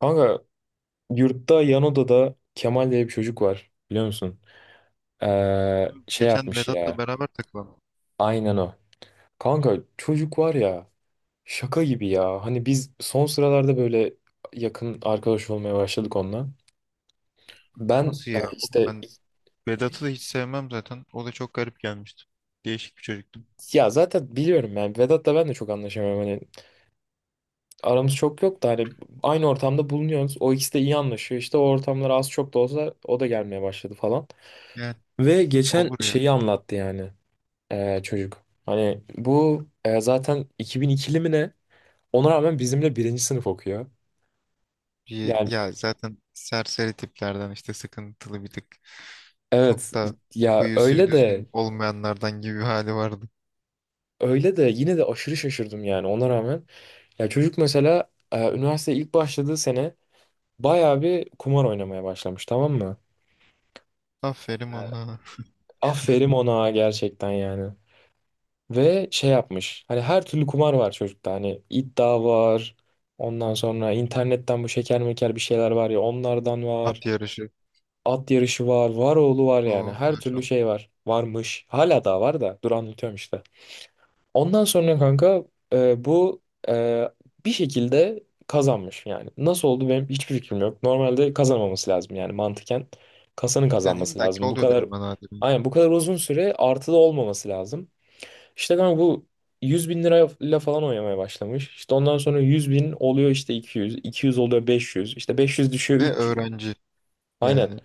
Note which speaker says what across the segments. Speaker 1: Kanka yurtta yan odada Kemal diye bir çocuk var biliyor musun? Şey
Speaker 2: Geçen
Speaker 1: yapmış
Speaker 2: Vedat'la
Speaker 1: ya.
Speaker 2: beraber takılan.
Speaker 1: Aynen o. Kanka, çocuk var ya, şaka gibi ya. Hani biz son sıralarda böyle yakın arkadaş olmaya başladık onunla. Ben.
Speaker 2: Nasıl ya? Oğlum
Speaker 1: İşte
Speaker 2: ben Vedat'ı da hiç sevmem zaten. O da çok garip gelmişti. Değişik bir çocuktu.
Speaker 1: ya zaten biliyorum yani, Vedat'la ben de çok anlaşamıyorum. Hani aramız çok yok da hani aynı ortamda bulunuyoruz. O ikisi de iyi anlaşıyor. İşte o ortamlar, az çok da olsa, o da gelmeye başladı falan.
Speaker 2: Yani
Speaker 1: Ve geçen
Speaker 2: olur ya.
Speaker 1: şeyi anlattı yani. Çocuk. Hani bu, zaten 2002'li mi ne? Ona rağmen bizimle birinci sınıf okuyor.
Speaker 2: Bir,
Speaker 1: Yani
Speaker 2: ya zaten serseri tiplerden işte sıkıntılı bir tık. Çok
Speaker 1: evet,
Speaker 2: da
Speaker 1: ya
Speaker 2: huyu suyu
Speaker 1: öyle de
Speaker 2: düzgün olmayanlardan gibi bir hali vardı.
Speaker 1: yine de aşırı şaşırdım yani, ona rağmen. Ya çocuk mesela, üniversiteye ilk başladığı sene bayağı bir kumar oynamaya başlamış, tamam mı?
Speaker 2: Aferin ona.
Speaker 1: Aferin ona gerçekten yani. Ve şey yapmış. Hani her türlü kumar var çocukta. Hani iddia var. Ondan sonra internetten bu şeker meker bir şeyler var ya, onlardan var.
Speaker 2: At yarışı.
Speaker 1: At yarışı var, var oğlu var yani.
Speaker 2: Oo,
Speaker 1: Her türlü
Speaker 2: maşallah.
Speaker 1: şey var. Varmış. Hala daha var da. Dur anlatıyorum işte. Ondan sonra kanka, bu, e, bir şekilde kazanmış yani. Nasıl oldu benim hiçbir fikrim yok. Normalde kazanmaması lazım yani, mantıken. Kasanın
Speaker 2: Yani
Speaker 1: kazanması
Speaker 2: illaki
Speaker 1: lazım. Bu
Speaker 2: oluyordur
Speaker 1: kadar,
Speaker 2: ama nadir.
Speaker 1: aynen, bu kadar uzun süre artıda olmaması lazım. İşte kanka bu, 100 bin lirayla falan oynamaya başlamış. İşte ondan sonra 100 bin oluyor, işte 200. 200 oluyor 500. İşte 500 düşüyor
Speaker 2: Ve
Speaker 1: 300.
Speaker 2: öğrenci.
Speaker 1: Aynen.
Speaker 2: Yani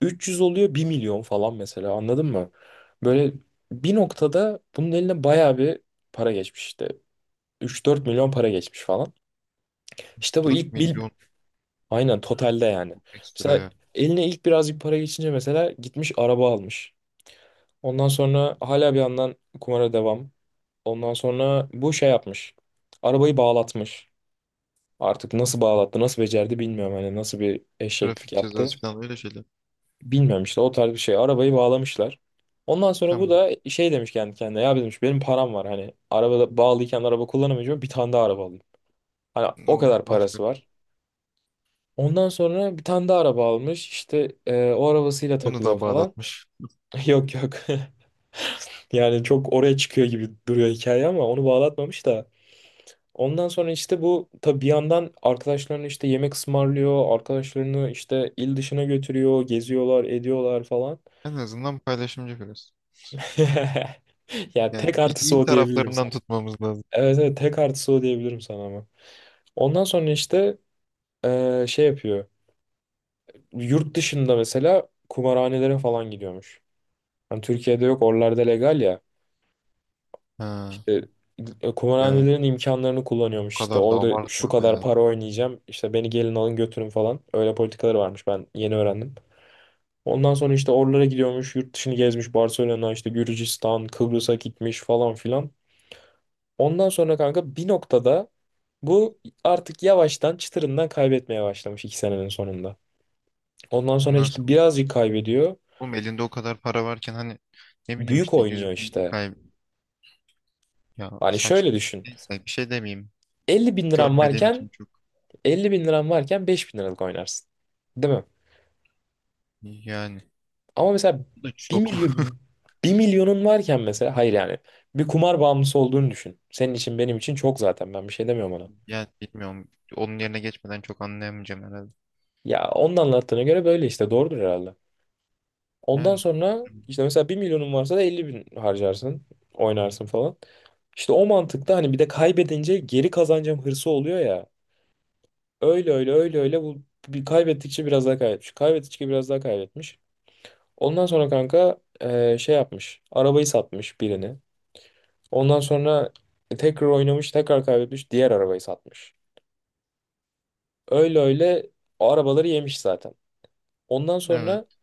Speaker 1: 300 oluyor bir milyon falan mesela, anladın mı? Böyle bir noktada bunun eline bayağı bir para geçmiş işte. Üç dört milyon para geçmiş falan. İşte bu
Speaker 2: 4
Speaker 1: ilk bil
Speaker 2: milyon
Speaker 1: aynen, totalde yani.
Speaker 2: çok ekstra
Speaker 1: Mesela,
Speaker 2: ya.
Speaker 1: eline ilk birazcık para geçince mesela gitmiş araba almış. Ondan sonra hala bir yandan kumara devam. Ondan sonra bu şey yapmış. Arabayı bağlatmış. Artık nasıl bağlattı, nasıl becerdi bilmiyorum. Hani nasıl bir eşeklik
Speaker 2: Trafik
Speaker 1: yaptı.
Speaker 2: cezası falan öyle şeyler.
Speaker 1: Bilmiyorum işte, o tarz bir şey. Arabayı bağlamışlar. Ondan sonra bu
Speaker 2: Tamam.
Speaker 1: da şey demiş kendi kendine. Ya, demiş, benim param var, hani arabada bağlıyken araba kullanamayacağım, bir tane daha araba alayım. Hani o
Speaker 2: O,
Speaker 1: kadar parası
Speaker 2: aferin.
Speaker 1: var. Ondan sonra bir tane daha araba almış. İşte o arabasıyla
Speaker 2: Onu
Speaker 1: takılıyor
Speaker 2: da
Speaker 1: falan.
Speaker 2: bağlatmış.
Speaker 1: Yok yok. Yani çok oraya çıkıyor gibi duruyor hikaye, ama onu bağlatmamış da. Ondan sonra işte bu tabii bir yandan arkadaşlarını işte yemek ısmarlıyor. Arkadaşlarını işte il dışına götürüyor. Geziyorlar, ediyorlar falan.
Speaker 2: En azından paylaşımcı biraz.
Speaker 1: Yani
Speaker 2: Yani
Speaker 1: tek
Speaker 2: bir
Speaker 1: artısı
Speaker 2: iyi
Speaker 1: o diyebilirim
Speaker 2: taraflarından
Speaker 1: sana.
Speaker 2: tutmamız lazım.
Speaker 1: Evet evet, tek artısı o diyebilirim sana ama. Ondan sonra işte şey yapıyor. Yurt dışında mesela kumarhanelere falan gidiyormuş. Hani Türkiye'de yok, oralarda legal ya.
Speaker 2: Ha,
Speaker 1: İşte
Speaker 2: ya
Speaker 1: kumarhanelerin imkanlarını
Speaker 2: o
Speaker 1: kullanıyormuş işte.
Speaker 2: kadar da
Speaker 1: Orada şu
Speaker 2: abartma be
Speaker 1: kadar
Speaker 2: ya.
Speaker 1: para oynayacağım. İşte beni gelin alın götürün falan. Öyle politikaları varmış, ben yeni öğrendim. Ondan sonra işte oralara gidiyormuş. Yurt dışını gezmiş. Barcelona, işte Gürcistan, Kıbrıs'a gitmiş falan filan. Ondan sonra kanka bir noktada bu artık yavaştan çıtırından kaybetmeye başlamış, 2 senenin sonunda. Ondan sonra işte
Speaker 2: Nasıl?
Speaker 1: birazcık kaybediyor.
Speaker 2: Oğlum elinde o kadar para varken hani ne bileyim
Speaker 1: Büyük
Speaker 2: işte
Speaker 1: oynuyor
Speaker 2: 100 bin
Speaker 1: işte.
Speaker 2: ya
Speaker 1: Hani şöyle
Speaker 2: saçma.
Speaker 1: düşün.
Speaker 2: Neyse bir şey demeyeyim.
Speaker 1: 50 bin liran
Speaker 2: Görmediğim için
Speaker 1: varken
Speaker 2: çok
Speaker 1: 50 bin liran varken 5 bin liralık oynarsın. Değil mi?
Speaker 2: yani
Speaker 1: Ama mesela,
Speaker 2: bu da
Speaker 1: bir
Speaker 2: çok
Speaker 1: milyon bir milyonun varken mesela, hayır yani, bir kumar bağımlısı olduğunu düşün. Senin için benim için çok, zaten ben bir şey demiyorum ona.
Speaker 2: yani bilmiyorum. Onun yerine geçmeden çok anlayamayacağım herhalde.
Speaker 1: Ya onun anlattığına göre böyle işte, doğrudur herhalde. Ondan
Speaker 2: Yani
Speaker 1: sonra işte mesela bir milyonun varsa da 50 bin harcarsın. Oynarsın falan. İşte o mantıkta, hani bir de kaybedince geri kazanacağım hırsı oluyor ya. Öyle öyle öyle öyle, bu bir kaybettikçe biraz daha kaybetmiş. Kaybettikçe biraz daha kaybetmiş. Ondan sonra kanka şey yapmış. Arabayı satmış, birini. Ondan sonra tekrar oynamış, tekrar kaybetmiş, diğer arabayı satmış. Öyle öyle o arabaları yemiş zaten. Ondan sonra
Speaker 2: evet.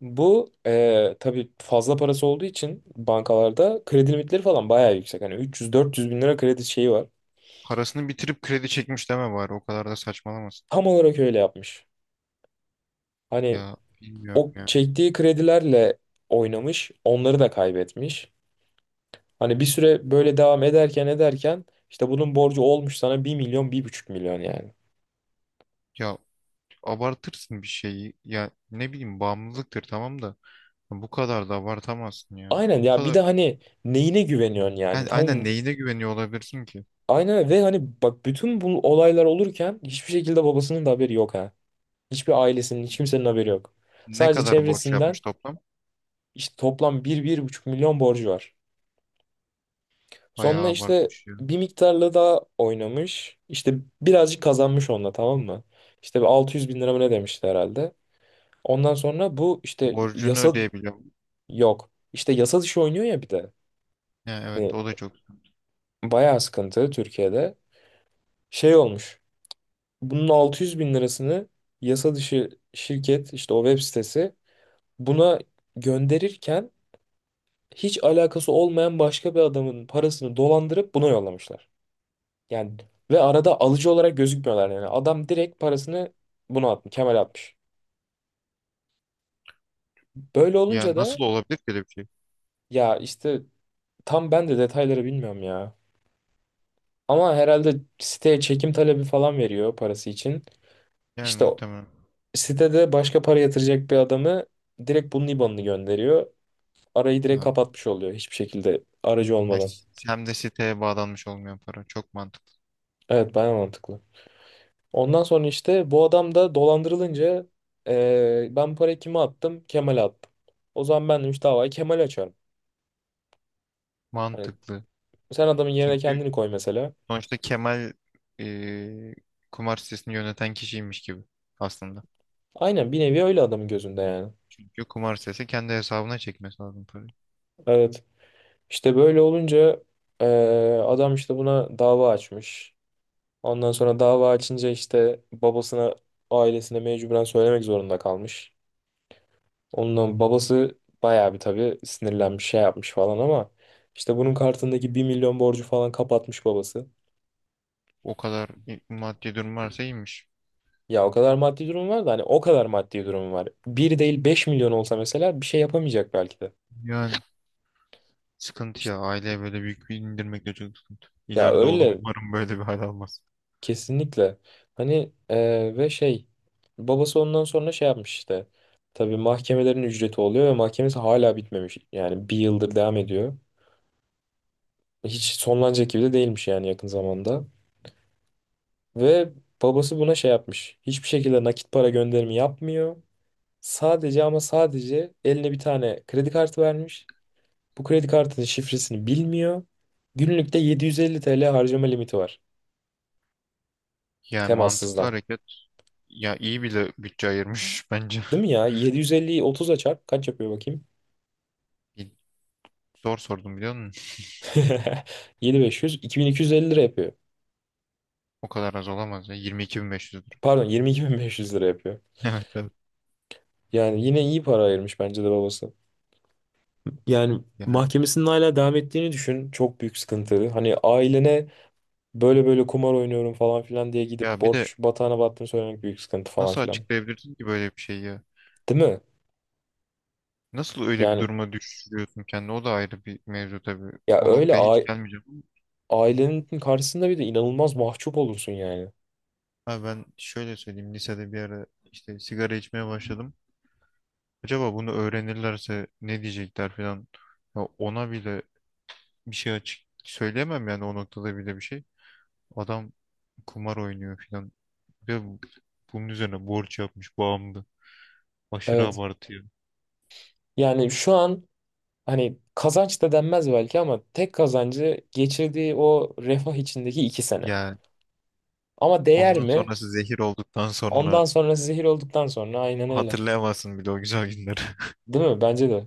Speaker 1: bu tabii fazla parası olduğu için bankalarda kredi limitleri falan bayağı yüksek. Hani 300-400 bin lira kredi şeyi var.
Speaker 2: Parasını bitirip kredi çekmiş deme bari o kadar da saçmalamasın.
Speaker 1: Tam olarak öyle yapmış. Hani
Speaker 2: Ya bilmiyorum
Speaker 1: o
Speaker 2: ya.
Speaker 1: çektiği kredilerle oynamış, onları da kaybetmiş. Hani bir süre böyle devam ederken işte bunun borcu olmuş sana bir milyon, bir buçuk milyon yani.
Speaker 2: Ya abartırsın bir şeyi. Ya ne bileyim bağımlılıktır tamam da bu kadar da abartamazsın ya.
Speaker 1: Aynen
Speaker 2: Bu
Speaker 1: ya, bir
Speaker 2: kadar
Speaker 1: de hani neyine güveniyorsun yani?
Speaker 2: yani
Speaker 1: Tam,
Speaker 2: aynen neyine güveniyor olabilirsin ki?
Speaker 1: aynen, ve hani bak, bütün bu olaylar olurken hiçbir şekilde babasının da haberi yok. Hiçbir ailesinin, hiç kimsenin haberi yok.
Speaker 2: Ne
Speaker 1: Sadece
Speaker 2: kadar borç
Speaker 1: çevresinden,
Speaker 2: yapmış toplam?
Speaker 1: işte toplam bir bir buçuk milyon borcu var.
Speaker 2: Bayağı
Speaker 1: Sonra işte
Speaker 2: abartmış ya.
Speaker 1: bir miktarla daha oynamış. İşte birazcık kazanmış onunla, tamam mı? İşte bir 600 bin lira mı ne demişti herhalde. Ondan sonra bu işte,
Speaker 2: Borcunu
Speaker 1: yasa
Speaker 2: ödeyebiliyor.
Speaker 1: yok. İşte yasa dışı oynuyor ya bir de.
Speaker 2: Yani
Speaker 1: Hani
Speaker 2: evet o da çok.
Speaker 1: bayağı sıkıntı Türkiye'de. Şey olmuş. Bunun 600 bin lirasını yasa dışı şirket, işte o web sitesi buna gönderirken, hiç alakası olmayan başka bir adamın parasını dolandırıp buna yollamışlar. Yani ve arada alıcı olarak gözükmüyorlar yani. Adam direkt parasını buna atmış, Kemal atmış. Böyle
Speaker 2: Ya
Speaker 1: olunca da,
Speaker 2: nasıl olabilir ki öyle bir şey?
Speaker 1: ya işte, tam ben de detayları bilmiyorum ya. Ama herhalde siteye çekim talebi falan veriyor parası için.
Speaker 2: Yani
Speaker 1: İşte o-
Speaker 2: muhtemelen.
Speaker 1: Sitede başka para yatıracak bir adamı direkt bunun IBAN'ını gönderiyor. Arayı direkt
Speaker 2: Ha.
Speaker 1: kapatmış oluyor, hiçbir şekilde aracı
Speaker 2: Ya
Speaker 1: olmadan.
Speaker 2: hem de siteye bağlanmış olmayan para. Çok mantıklı.
Speaker 1: Evet, bayağı mantıklı. Ondan sonra işte bu adam da dolandırılınca ben bu parayı kime attım? Kemal'e attım. O zaman, ben demiş, davayı Kemal'e açarım. Hani
Speaker 2: Mantıklı.
Speaker 1: sen adamın yerine
Speaker 2: Çünkü
Speaker 1: kendini koy mesela.
Speaker 2: sonuçta Kemal e, kumar sitesini yöneten kişiymiş gibi aslında.
Speaker 1: Aynen, bir nevi öyle adamın gözünde yani.
Speaker 2: Çünkü kumar sitesi kendi hesabına çekmesi lazım parayı.
Speaker 1: Evet. İşte böyle olunca eee, adam işte buna dava açmış. Ondan sonra dava açınca işte babasına, ailesine mecburen söylemek zorunda kalmış. Ondan babası bayağı bir tabii sinirlenmiş, şey yapmış falan, ama işte bunun kartındaki bir milyon borcu falan kapatmış babası.
Speaker 2: O kadar maddi durum varsa iyiymiş.
Speaker 1: Ya o kadar maddi durum var da, hani o kadar maddi durum var. Bir değil 5 milyon olsa mesela, bir şey yapamayacak belki de.
Speaker 2: Yani sıkıntı
Speaker 1: İşte,
Speaker 2: ya. Aileye böyle büyük bir indirmek de çok sıkıntı.
Speaker 1: ya
Speaker 2: İleride oğlum
Speaker 1: öyle,
Speaker 2: umarım böyle bir hal almaz.
Speaker 1: kesinlikle. Hani, ve şey, babası ondan sonra şey yapmış işte. Tabii mahkemelerin ücreti oluyor ve mahkemesi hala bitmemiş. Yani bir yıldır devam ediyor. Hiç sonlanacak gibi de değilmiş yani, yakın zamanda. Ve babası buna şey yapmış. Hiçbir şekilde nakit para gönderimi yapmıyor. Sadece ama sadece eline bir tane kredi kartı vermiş. Bu kredi kartının şifresini bilmiyor. Günlükte 750 TL harcama limiti var.
Speaker 2: Yani mantıklı
Speaker 1: Temassızdan.
Speaker 2: hareket. Ya iyi bile bütçe ayırmış bence.
Speaker 1: Değil mi ya? 750'yi 30'a çarp. Kaç yapıyor bakayım?
Speaker 2: İyi. Zor sordum biliyor musun?
Speaker 1: 7.500. 2.250 lira yapıyor.
Speaker 2: O kadar az olamaz ya. 22.500 lira.
Speaker 1: Pardon, 22.500 lira yapıyor.
Speaker 2: Evet, evet.
Speaker 1: Yani yine iyi para ayırmış bence de babası. Yani
Speaker 2: Yani
Speaker 1: mahkemesinin hala devam ettiğini düşün. Çok büyük sıkıntı. Hani ailene böyle böyle kumar oynuyorum falan filan diye gidip
Speaker 2: ya bir de
Speaker 1: borç batağına battığını söylemek büyük sıkıntı, falan
Speaker 2: nasıl
Speaker 1: filan.
Speaker 2: açıklayabilirsin ki böyle bir şeyi ya?
Speaker 1: Değil mi?
Speaker 2: Nasıl öyle bir
Speaker 1: Yani,
Speaker 2: duruma düşürüyorsun kendini? O da ayrı bir mevzu tabii.
Speaker 1: ya
Speaker 2: O
Speaker 1: öyle
Speaker 2: noktaya
Speaker 1: a-
Speaker 2: hiç gelmeyeceğim.
Speaker 1: ailenin karşısında bir de inanılmaz mahcup olursun yani.
Speaker 2: Abi ben şöyle söyleyeyim. Lisede bir ara işte sigara içmeye başladım. Acaba bunu öğrenirlerse ne diyecekler falan. Ya ona bile bir şey açık söyleyemem yani o noktada bile bir şey. Adam kumar oynuyor falan. Ve bunun üzerine borç yapmış bağımlı. Aşırı
Speaker 1: Evet.
Speaker 2: abartıyor.
Speaker 1: Yani şu an, hani kazanç da denmez belki ama, tek kazancı geçirdiği o refah içindeki 2 sene.
Speaker 2: Yani
Speaker 1: Ama değer
Speaker 2: ondan
Speaker 1: mi?
Speaker 2: sonrası zehir olduktan
Speaker 1: Ondan
Speaker 2: sonra
Speaker 1: sonra zehir olduktan sonra aynen öyle.
Speaker 2: hatırlayamazsın bile o güzel günleri.
Speaker 1: Değil mi? Bence de.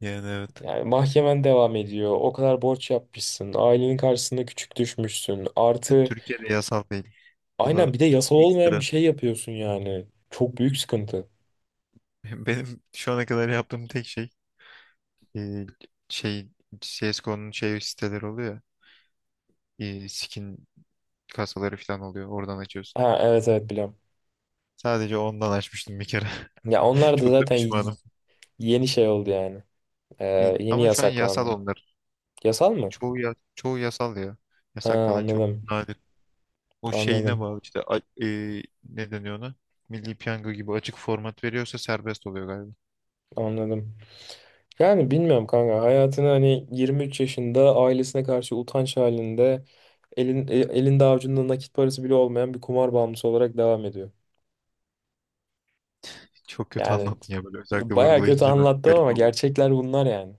Speaker 2: Yani evet.
Speaker 1: Yani mahkemen devam ediyor. O kadar borç yapmışsın. Ailenin karşısında küçük düşmüşsün.
Speaker 2: Bir de
Speaker 1: Artı,
Speaker 2: Türkiye'de yasal değil. O da
Speaker 1: aynen, bir de yasal
Speaker 2: çok
Speaker 1: olmayan bir
Speaker 2: ekstra.
Speaker 1: şey yapıyorsun yani. Çok büyük sıkıntı.
Speaker 2: Benim şu ana kadar yaptığım tek şey e, şey CSGO'nun şey siteleri oluyor ya, skin kasaları falan oluyor. Oradan açıyorsun.
Speaker 1: Ha evet evet biliyorum.
Speaker 2: Sadece ondan açmıştım bir kere.
Speaker 1: Ya onlar da
Speaker 2: Çok da
Speaker 1: zaten y-
Speaker 2: pişmanım.
Speaker 1: Yeni şey oldu yani. Yeni
Speaker 2: Ama şu an yasal
Speaker 1: yasaklandı.
Speaker 2: onlar.
Speaker 1: Yasal mı?
Speaker 2: Çoğu ya, çoğu yasal ya.
Speaker 1: Ha,
Speaker 2: Yasaklanan çok
Speaker 1: anladım.
Speaker 2: nadir. O şeyine
Speaker 1: Anladım.
Speaker 2: bağlı işte ne deniyor ona? Milli Piyango gibi açık format veriyorsa serbest oluyor galiba.
Speaker 1: Anladım. Yani bilmiyorum kanka. Hayatını hani 23 yaşında ailesine karşı utanç halinde, elinde avucunda nakit parası bile olmayan bir kumar bağımlısı olarak devam ediyor.
Speaker 2: Çok kötü
Speaker 1: Yani
Speaker 2: anlattın ya böyle özellikle
Speaker 1: baya kötü
Speaker 2: vurgulayınca da
Speaker 1: anlattım
Speaker 2: garip
Speaker 1: ama
Speaker 2: oldu.
Speaker 1: gerçekler bunlar yani.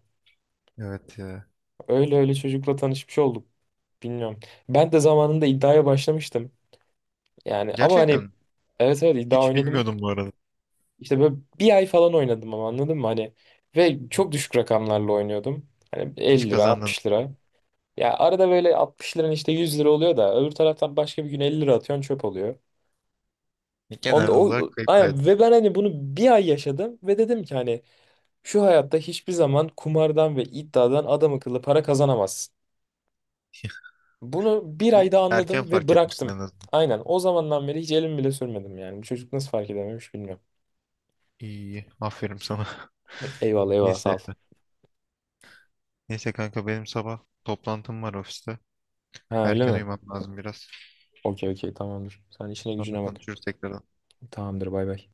Speaker 2: Evet ya.
Speaker 1: Öyle öyle çocukla tanışmış olduk. Bilmiyorum. Ben de zamanında iddiaya başlamıştım. Yani, ama hani,
Speaker 2: Gerçekten
Speaker 1: evet evet, iddia
Speaker 2: hiç
Speaker 1: oynadım.
Speaker 2: bilmiyordum bu arada.
Speaker 1: İşte böyle bir ay falan oynadım ama, anladın mı? Hani ve çok düşük rakamlarla oynuyordum. Hani
Speaker 2: Hiç
Speaker 1: 50 lira,
Speaker 2: kazandın.
Speaker 1: 60 lira. Ya arada böyle 60 liranın işte 100 lira oluyor da, öbür taraftan başka bir gün 50 lira atıyorsun çöp oluyor.
Speaker 2: Genel olarak kayıptaydın.
Speaker 1: Aynen, ve ben hani bunu bir ay yaşadım ve dedim ki hani, şu hayatta hiçbir zaman kumardan ve iddiadan adam akıllı para kazanamazsın. Bunu bir
Speaker 2: İyi,
Speaker 1: ayda
Speaker 2: erken
Speaker 1: anladım ve
Speaker 2: fark etmişsin
Speaker 1: bıraktım.
Speaker 2: en azından.
Speaker 1: Aynen, o zamandan beri hiç elim bile sürmedim yani. Bu çocuk nasıl fark edememiş bilmiyorum.
Speaker 2: İyi, iyi. Aferin sana.
Speaker 1: Eyvallah eyvallah, sağ
Speaker 2: Neyse.
Speaker 1: ol.
Speaker 2: Neyse kanka benim sabah toplantım var ofiste.
Speaker 1: Ha, öyle
Speaker 2: Erken
Speaker 1: mi?
Speaker 2: uyumam lazım biraz.
Speaker 1: Okey okey, tamamdır. Sen işine
Speaker 2: Sonra
Speaker 1: gücüne bak.
Speaker 2: konuşuruz tekrar.
Speaker 1: Tamamdır, bay bay.